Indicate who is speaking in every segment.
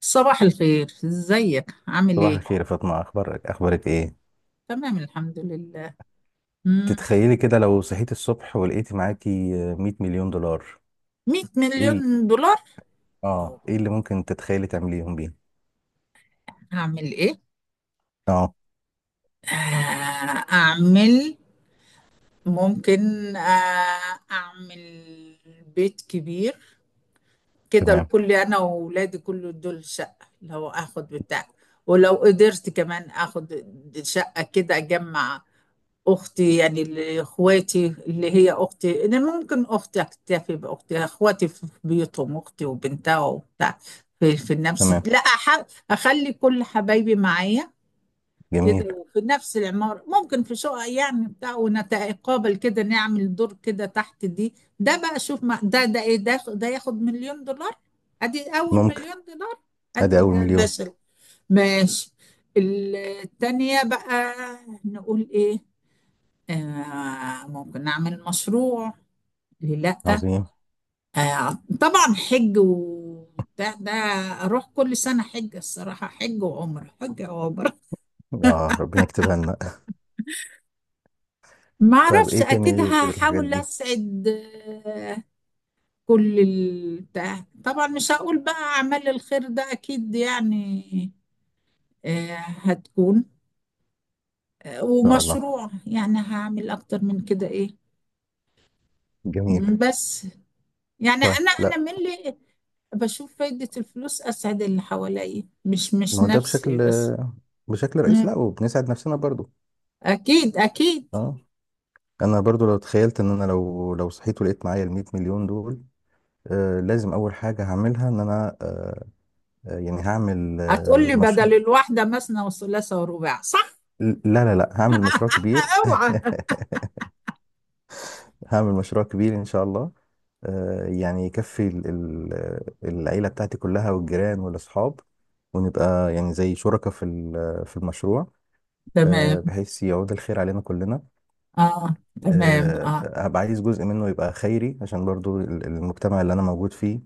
Speaker 1: صباح الخير، ازيك عامل
Speaker 2: صباح
Speaker 1: ايه؟
Speaker 2: الخير يا فاطمة، أخبارك إيه؟
Speaker 1: تمام، الحمد لله. مم.
Speaker 2: تتخيلي كده لو صحيتي الصبح ولقيتي معاكي 100 مليون دولار.
Speaker 1: 100
Speaker 2: إيه ال...
Speaker 1: مليون دولار؟
Speaker 2: آه
Speaker 1: أو
Speaker 2: إيه اللي ممكن تتخيلي تعمليهم بيه؟
Speaker 1: اعمل ايه؟
Speaker 2: آه.
Speaker 1: آه، اعمل ممكن آه، اعمل بيت كبير، كده
Speaker 2: تمام.
Speaker 1: الكل انا واولادي كل دول شقة لو اخد بتاع، ولو قدرت كمان اخد شقة كده اجمع. إخواتي اللي هي أختي، أنا ممكن أختي أكتفي بأختي، إخواتي في بيوتهم، أختي وبنتها وبتاع في نفس،
Speaker 2: تمام.
Speaker 1: لا أح... أخلي كل حبايبي معايا
Speaker 2: جميل.
Speaker 1: كده، وفي نفس العمارة ممكن في شقة يعني بتاع، ونتقابل كده نعمل دور كده تحت دي. ده بقى شوف ما... ده إيه، ده ياخد مليون دولار. أدي أول
Speaker 2: ممكن.
Speaker 1: مليون دولار. أدي
Speaker 2: أدي أول
Speaker 1: ده
Speaker 2: مليون.
Speaker 1: ماشي. ماشي. التانية بقى نقول إيه؟ آه ممكن نعمل مشروع، ليه لأ.
Speaker 2: عظيم.
Speaker 1: آه طبعا حج وبتاع ده، أروح كل سنة حج الصراحة، حج وعمرة حج وعمرة.
Speaker 2: آه، ربنا يكتبها لنا.
Speaker 1: ما
Speaker 2: طيب،
Speaker 1: أعرفش،
Speaker 2: إيه تاني
Speaker 1: أكيد
Speaker 2: غير الحاجات
Speaker 1: هحاول
Speaker 2: دي؟ إن
Speaker 1: أسعد. آه كل البتاع طبعا مش هقول بقى أعمال الخير ده أكيد يعني. آه هتكون. آه
Speaker 2: شاء الله.
Speaker 1: ومشروع يعني هعمل أكتر من كده إيه.
Speaker 2: جميل.
Speaker 1: بس يعني
Speaker 2: طيب،
Speaker 1: انا
Speaker 2: لا.
Speaker 1: من اللي بشوف فايدة الفلوس، اسعد اللي حواليا مش
Speaker 2: ما
Speaker 1: مش
Speaker 2: هو ده بشكل
Speaker 1: نفسي بس.
Speaker 2: بشكل رئيسي،
Speaker 1: مم.
Speaker 2: لا، وبنسعد نفسنا برضو.
Speaker 1: اكيد اكيد.
Speaker 2: آه. أنا برضو لو تخيلت إن أنا لو صحيت ولقيت معايا ال 100 مليون دول. آه، لازم اول حاجه هعملها ان انا آه، آه، يعني هعمل
Speaker 1: هتقول
Speaker 2: آه،
Speaker 1: لي
Speaker 2: مش
Speaker 1: بدل الواحدة مثنى وثلاثة ورباع، صح؟
Speaker 2: لا لا لا، هعمل مشروع كبير.
Speaker 1: اوعى.
Speaker 2: هعمل مشروع كبير ان شاء الله. يعني يكفي العيله بتاعتي كلها والجيران والاصحاب، ونبقى يعني زي شركاء في المشروع.
Speaker 1: تمام
Speaker 2: بحيث يعود الخير علينا كلنا.
Speaker 1: اه. تمام اه.
Speaker 2: هبقى عايز جزء منه يبقى خيري، عشان برضو المجتمع اللي انا موجود فيه،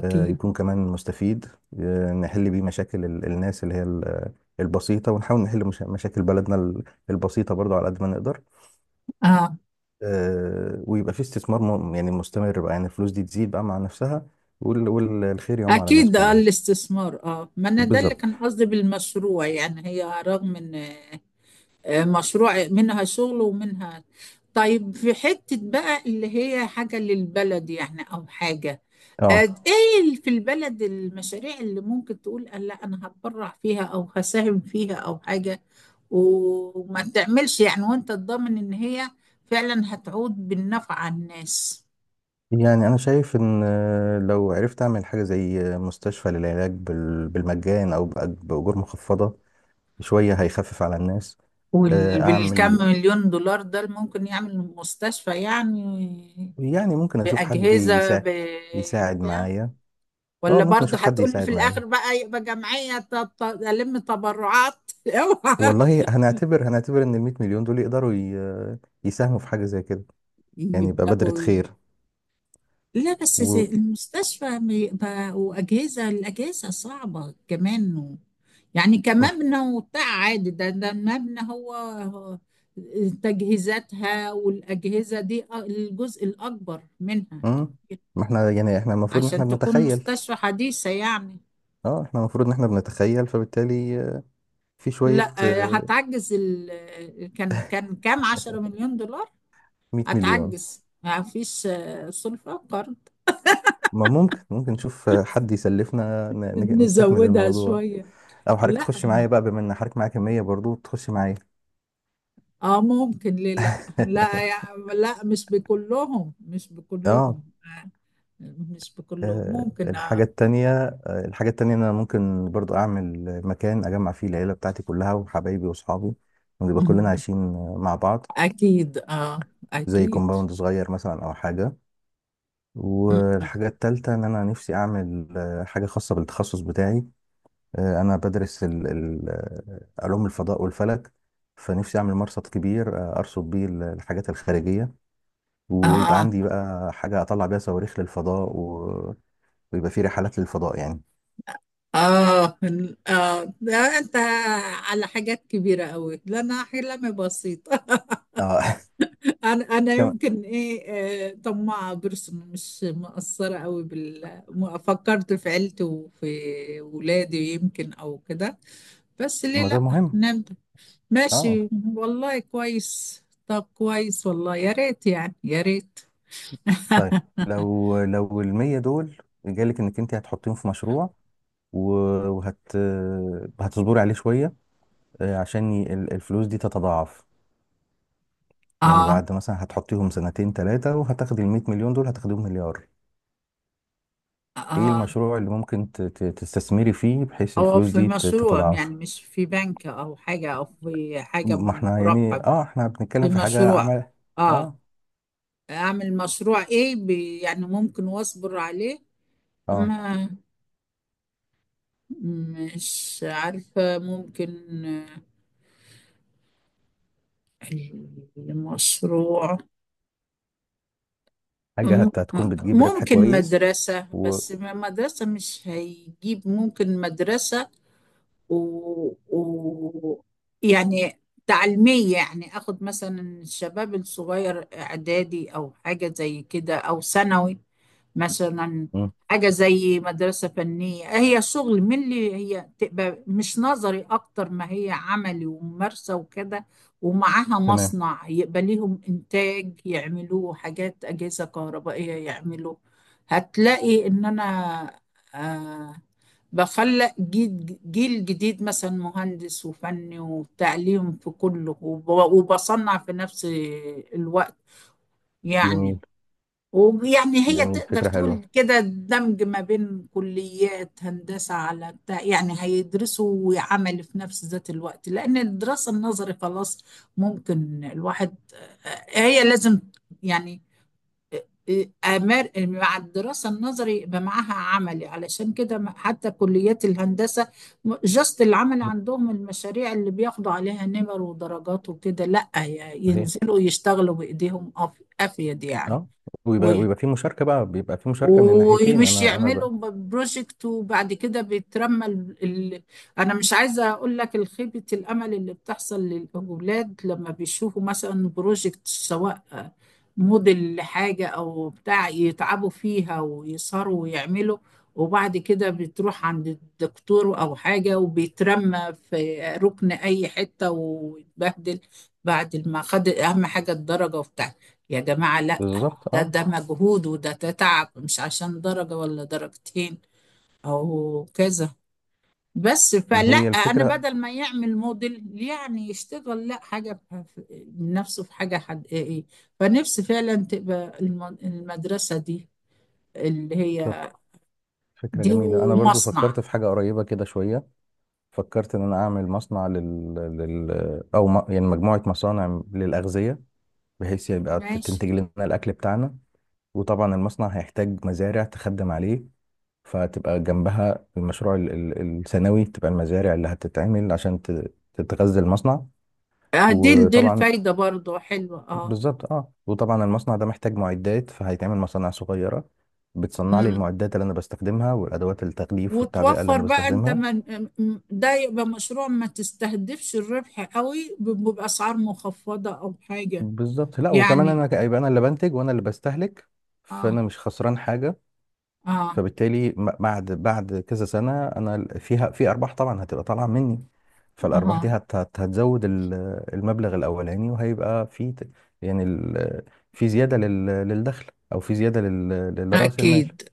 Speaker 2: يكون كمان مستفيد. نحل بيه مشاكل الناس البسيطة، ونحاول نحل مشاكل بلدنا البسيطة برضو على قد ما نقدر.
Speaker 1: اه.
Speaker 2: ويبقى في استثمار يعني مستمر بقى، يعني الفلوس دي تزيد بقى مع نفسها، والخير يعم على الناس
Speaker 1: اكيد اه
Speaker 2: كلها.
Speaker 1: الاستثمار، اه ما انا ده اللي
Speaker 2: بالظبط،
Speaker 1: كان قصدي بالمشروع، يعني هي رغم ان آه، مشروع منها شغل ومنها. طيب في حتة بقى اللي هي حاجة للبلد يعني أو حاجة. آه،
Speaker 2: اه.
Speaker 1: إيه في البلد المشاريع اللي ممكن تقول آه، لا أنا هتبرع فيها أو هساهم فيها أو حاجة، وما تعملش يعني وأنت تضمن إن هي فعلا هتعود بالنفع على الناس.
Speaker 2: يعني انا شايف ان، لو عرفت اعمل حاجة زي، مستشفى للعلاج بالمجان او بأجور مخفضة شوية، هيخفف على الناس.
Speaker 1: وبالكم
Speaker 2: اعمل،
Speaker 1: مليون دولار ده اللي ممكن يعمل مستشفى يعني؟
Speaker 2: يعني ممكن اشوف حد
Speaker 1: بأجهزة
Speaker 2: يساعد، يساعد
Speaker 1: بتاع.
Speaker 2: معايا. اه،
Speaker 1: ولا
Speaker 2: ممكن
Speaker 1: برضه
Speaker 2: اشوف حد
Speaker 1: هتقول لي في
Speaker 2: يساعد
Speaker 1: الاخر
Speaker 2: معايا.
Speaker 1: بقى يبقى جمعيه ت- ت- الم تبرعات اوعى.
Speaker 2: والله هنعتبر ان ال 100 مليون دول يقدروا يساهموا في حاجه زي كده. يعني يبقى بذرة
Speaker 1: يبداوا ي-
Speaker 2: خير.
Speaker 1: لا بس زي
Speaker 2: و،
Speaker 1: المستشفى بيبقى واجهزه، الاجهزه صعبه كمان، يعني كمبنى وبتاع عادي، ده ده المبنى هو هو تجهيزاتها والاجهزه دي الجزء الاكبر منها
Speaker 2: مم.
Speaker 1: كتير
Speaker 2: ما احنا يعني احنا المفروض ان احنا
Speaker 1: عشان تكون
Speaker 2: بنتخيل.
Speaker 1: مستشفى حديثه يعني.
Speaker 2: اه احنا المفروض ان احنا بنتخيل، فبالتالي في شويه،
Speaker 1: لا آه، كان كام 10 مليون دولار؟
Speaker 2: 100 مليون.
Speaker 1: هتعجز، ما فيش آه، سلفة قرض؟
Speaker 2: ما ممكن، نشوف حد يسلفنا نستكمل
Speaker 1: نزودها
Speaker 2: الموضوع،
Speaker 1: شوية.
Speaker 2: او حضرتك
Speaker 1: لا
Speaker 2: تخش
Speaker 1: ما.
Speaker 2: معايا بقى، بما ان حضرتك معايا كميه برضو، تخش معايا.
Speaker 1: اه ممكن، ليه لا. لا مش بكلهم، مش
Speaker 2: اه.
Speaker 1: بكلهم آه، مش بكلهم،
Speaker 2: آه،
Speaker 1: ممكن
Speaker 2: الحاجة
Speaker 1: اه.
Speaker 2: التانية الحاجة التانية، إن أنا ممكن برضو أعمل مكان أجمع فيه العيلة بتاعتي كلها وحبايبي وأصحابي، ونبقى كلنا
Speaker 1: مم.
Speaker 2: عايشين، مع بعض،
Speaker 1: اكيد اه.
Speaker 2: زي
Speaker 1: اكيد.
Speaker 2: كومباوند صغير مثلا أو حاجة.
Speaker 1: مم.
Speaker 2: والحاجة التالتة، إن أنا نفسي أعمل، حاجة خاصة بالتخصص بتاعي. أنا بدرس علوم الفضاء والفلك. فنفسي أعمل مرصد كبير، أرصد بيه الحاجات الخارجية، ويبقى
Speaker 1: اه.
Speaker 2: عندي بقى حاجة أطلع بيها صواريخ للفضاء و... ويبقى في رحلات للفضاء يعني.
Speaker 1: اه اه ده انت على حاجات كبيرة قوي، ده انا حلمي بسيط.
Speaker 2: اه.
Speaker 1: انا يمكن ايه، آه، طماعه برسم مش مقصره قوي بال ما فكرت في عيلتي وفي ولادي، يمكن او كده. بس ليه
Speaker 2: ما ده
Speaker 1: لا،
Speaker 2: مهم.
Speaker 1: نبدا،
Speaker 2: اه.
Speaker 1: ماشي. والله كويس، طب كويس والله، يا ريت يعني يا ريت.
Speaker 2: طيب، لو المية دول جالك انك انت هتحطيهم في مشروع، و- وهت هتصبري عليه شوية، عشان الفلوس دي تتضاعف. يعني
Speaker 1: اه.
Speaker 2: بعد مثلا هتحطيهم سنتين ثلاثة وهتاخدي ال 100 مليون دول هتاخديهم مليار. ايه
Speaker 1: اه.
Speaker 2: المشروع اللي ممكن تستثمري فيه بحيث
Speaker 1: او
Speaker 2: الفلوس
Speaker 1: في
Speaker 2: دي
Speaker 1: مشروع
Speaker 2: تتضاعف.
Speaker 1: يعني، مش في بنك او حاجه او في حاجه
Speaker 2: ما احنا يعني
Speaker 1: مربحه.
Speaker 2: اه احنا بنتكلم
Speaker 1: في
Speaker 2: في حاجة
Speaker 1: مشروع.
Speaker 2: عمل.
Speaker 1: اه.
Speaker 2: اه
Speaker 1: اعمل مشروع ايه بي يعني ممكن واصبر عليه.
Speaker 2: اه،
Speaker 1: ما مش عارفة، ممكن آه، المشروع
Speaker 2: حاجة
Speaker 1: م-
Speaker 2: هتكون بتجيب ربح
Speaker 1: ممكن
Speaker 2: كويس.
Speaker 1: مدرسة،
Speaker 2: و،
Speaker 1: بس مدرسة مش هيجيب، ممكن مدرسة و... و... يعني تعليمية يعني، أخد مثلا الشباب الصغير إعدادي أو حاجة زي كده أو ثانوي مثلا،
Speaker 2: مم،
Speaker 1: حاجة زي مدرسة فنية هي شغل من اللي هي تبقى مش نظري أكتر، ما هي عملي وممارسة وكده، ومعاها
Speaker 2: تمام.
Speaker 1: مصنع يبقى ليهم إنتاج يعملوه، حاجات أجهزة كهربائية يعملوه. هتلاقي إن أنا آه بخلق جيل جديد مثلا، مهندس وفني وتعليم في كله وبصنع في نفس الوقت يعني.
Speaker 2: جميل.
Speaker 1: ويعني هي
Speaker 2: جميل،
Speaker 1: تقدر
Speaker 2: فكرة
Speaker 1: تقول
Speaker 2: حلوة.
Speaker 1: كده دمج ما بين كليات هندسة على بتاع، يعني هيدرسوا وعمل في نفس ذات الوقت، لأن الدراسة النظري خلاص. ممكن الواحد، هي لازم يعني أمر مع الدراسة النظري يبقى معاها عملي، علشان كده حتى كليات الهندسة جاست العمل عندهم المشاريع اللي بياخدوا عليها نمر ودرجات وكده، لأ
Speaker 2: صحيح،
Speaker 1: ينزلوا يشتغلوا بإيديهم أفيد يعني.
Speaker 2: اه. ويبقى في مشاركه بقى، بيبقى في مشاركه من الناحيتين،
Speaker 1: ومش يعملوا بروجكت وبعد كده بيترمى انا مش عايزه اقول لك الخيبه الامل اللي بتحصل للاولاد لما بيشوفوا مثلا بروجكت، سواء موديل لحاجه او بتاع، يتعبوا فيها ويسهروا ويعملوا، وبعد كده بتروح عند الدكتور او حاجه وبيترمى في ركن اي حته ويتبهدل بعد ما خد اهم حاجه الدرجه وبتاع. يا جماعه لا،
Speaker 2: بالظبط
Speaker 1: ده
Speaker 2: اه.
Speaker 1: ده مجهود وده تعب، مش عشان درجة ولا درجتين أو كذا. بس فلا
Speaker 2: هي
Speaker 1: أنا
Speaker 2: الفكره.
Speaker 1: بدل ما يعمل موديل يعني يشتغل لا حاجة من نفسه في حاجة حقيقية. فنفسي فعلا تبقى المدرسة دي اللي
Speaker 2: طب
Speaker 1: هي
Speaker 2: فكره
Speaker 1: دي
Speaker 2: جميله، انا برضو
Speaker 1: ومصنع.
Speaker 2: فكرت في حاجه قريبه كده شويه. فكرت ان انا اعمل مصنع يعني مجموعه مصانع للاغذيه، بحيث يبقى
Speaker 1: ماشي.
Speaker 2: تنتج لنا الاكل بتاعنا. وطبعا المصنع هيحتاج مزارع تخدم عليه، فتبقى جنبها المشروع الثانوي، تبقى المزارع اللي هتتعمل عشان تتغذى المصنع.
Speaker 1: آه، دي
Speaker 2: وطبعا،
Speaker 1: الفايدة برضو حلوة اه.
Speaker 2: بالظبط اه، وطبعا المصنع ده محتاج معدات، فهيتعمل مصانع صغيرة بتصنع لي
Speaker 1: أمم.
Speaker 2: المعدات اللي انا بستخدمها، والادوات التغليف والتعبئة اللي
Speaker 1: وتوفر
Speaker 2: انا
Speaker 1: بقى انت
Speaker 2: بستخدمها.
Speaker 1: من ده يبقى مشروع ما تستهدفش الربح قوي بأسعار مخفضة او حاجة
Speaker 2: بالظبط، لا وكمان
Speaker 1: يعني.
Speaker 2: هيبقى انا اللي بنتج وانا اللي بستهلك،
Speaker 1: اه.
Speaker 2: فانا مش خسران حاجة.
Speaker 1: اه.
Speaker 2: فبالتالي بعد كذا سنة، انا فيها في ارباح طبعا هتبقى طالعة مني. فالارباح دي
Speaker 1: اه.
Speaker 2: هتزود المبلغ الاولاني، وهيبقى في يعني في زيادة للدخل، او في زيادة لرأس المال.
Speaker 1: اكيد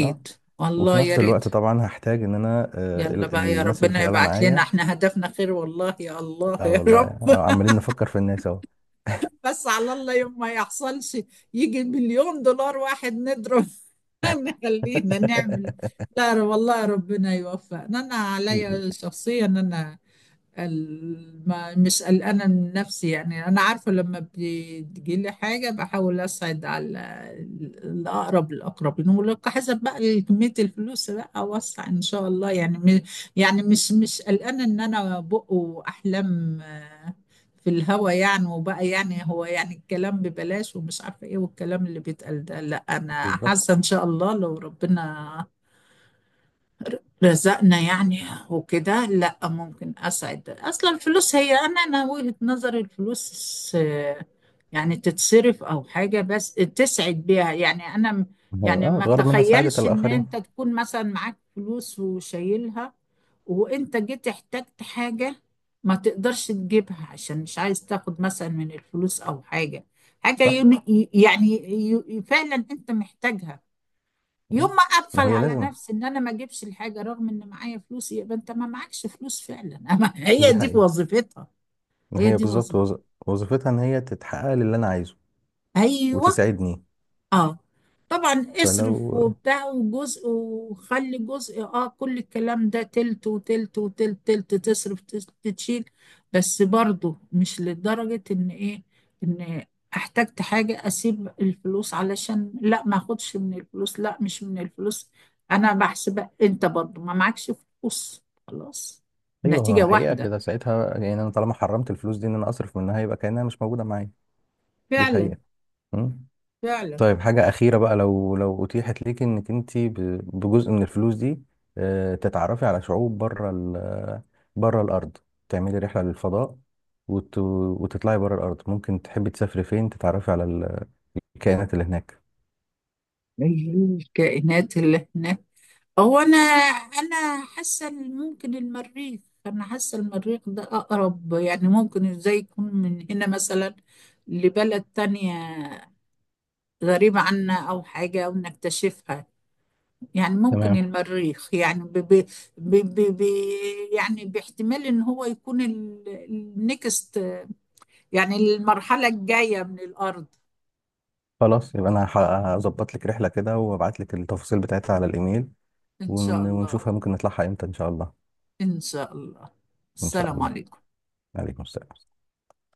Speaker 2: اه. وفي
Speaker 1: والله يا
Speaker 2: نفس
Speaker 1: ريت.
Speaker 2: الوقت طبعا هحتاج ان انا،
Speaker 1: يلا بقى يا
Speaker 2: الناس اللي
Speaker 1: ربنا
Speaker 2: شغاله
Speaker 1: يبعت لنا،
Speaker 2: معايا.
Speaker 1: احنا هدفنا خير، والله يا الله
Speaker 2: اه
Speaker 1: يا
Speaker 2: والله،
Speaker 1: رب
Speaker 2: عمالين نفكر في الناس اهو.
Speaker 1: بس على الله يوم ما يحصلش يجي مليون دولار واحد نضرب نخلينا نعمل. لا والله ربنا يوفقنا. انا عليا شخصيا انا ما مش قلقانة من نفسي يعني، أنا عارفة لما بتجيلي حاجة بحاول أسعد على الأقرب الأقربين، ولو حسب بقى كمية الفلوس بقى أوسع إن شاء الله يعني يعني مش قلقانة إن أنا بقوا أحلام آه، في الهوا يعني، وبقى يعني هو يعني الكلام ببلاش ومش عارفة إيه والكلام اللي بيتقال ده، لا أنا
Speaker 2: بالظبط
Speaker 1: حاسة إن شاء الله لو ربنا رزقنا يعني وكده، لا ممكن اسعد اصلا، الفلوس هي انا وجهة نظري الفلوس آه، يعني تتصرف او حاجة بس تسعد بيها يعني انا يعني
Speaker 2: اه.
Speaker 1: ما
Speaker 2: الغرض منها سعاده
Speaker 1: تخيلش ان انت
Speaker 2: الاخرين.
Speaker 1: تكون مثلا معاك فلوس وشايلها وانت جيت احتجت حاجة ما تقدرش تجيبها عشان مش عايز تاخد مثلا من الفلوس او حاجة، حاجة
Speaker 2: صح.
Speaker 1: ين- يعني فعلا انت محتاجها. يوم
Speaker 2: مم.
Speaker 1: ما
Speaker 2: ما
Speaker 1: اقفل
Speaker 2: هي
Speaker 1: على
Speaker 2: لازم،
Speaker 1: نفسي ان انا ما اجيبش الحاجه رغم ان معايا فلوس، يبقى انت ما معكش فلوس فعلا أما هي
Speaker 2: دي
Speaker 1: دي
Speaker 2: حقيقه.
Speaker 1: وظيفتها.
Speaker 2: ما
Speaker 1: هي
Speaker 2: هي
Speaker 1: دي
Speaker 2: بالظبط
Speaker 1: وظيفتها.
Speaker 2: وظيفتها ان هي تتحقق للي انا عايزه
Speaker 1: ايوه.
Speaker 2: وتساعدني.
Speaker 1: اه طبعا اصرف
Speaker 2: فلو،
Speaker 1: وبتاع وجزء وخلي جزء اه، كل الكلام ده تلت وتلت وتلت تلت، تصرف تشيل. بس برضو مش لدرجة ان ايه، ان احتجت حاجة اسيب الفلوس علشان لا ما اخدش من الفلوس، لا مش من الفلوس انا بحسب انت برضو ما معكش فلوس خلاص،
Speaker 2: ايوه
Speaker 1: نتيجة
Speaker 2: هو حقيقه
Speaker 1: واحدة.
Speaker 2: كده، ساعتها يعني انا طالما حرمت الفلوس دي ان انا اصرف منها يبقى كانها مش موجوده معايا. دي
Speaker 1: فعلا.
Speaker 2: حقيقه. مم.
Speaker 1: فعلا.
Speaker 2: طيب، حاجة أخيرة بقى. لو أتيحت ليك إنك أنت بجزء من الفلوس دي، تتعرفي على شعوب بره بره الأرض، تعملي رحلة للفضاء وتطلعي بره الأرض. ممكن تحبي تسافري فين، تتعرفي على الكائنات اللي هناك.
Speaker 1: الكائنات اللي هناك، هو انا حاسه إن ممكن المريخ، انا حاسه المريخ ده اقرب، يعني ممكن ازاي يكون من هنا مثلا لبلد تانية غريبة عنا أو حاجة أو نكتشفها، يعني ممكن
Speaker 2: تمام.
Speaker 1: المريخ يعني ب ب ب ب ب يعني باحتمال إن هو يكون النكست يعني المرحلة الجاية من الأرض.
Speaker 2: خلاص يبقى أنا هظبط لك رحلة كده وأبعت لك التفاصيل بتاعتها على الإيميل،
Speaker 1: إن شاء الله.
Speaker 2: ونشوفها ممكن نطلعها إمتى إن شاء الله.
Speaker 1: إن شاء الله.
Speaker 2: إن شاء
Speaker 1: السلام
Speaker 2: الله.
Speaker 1: عليكم.
Speaker 2: عليكم السلام.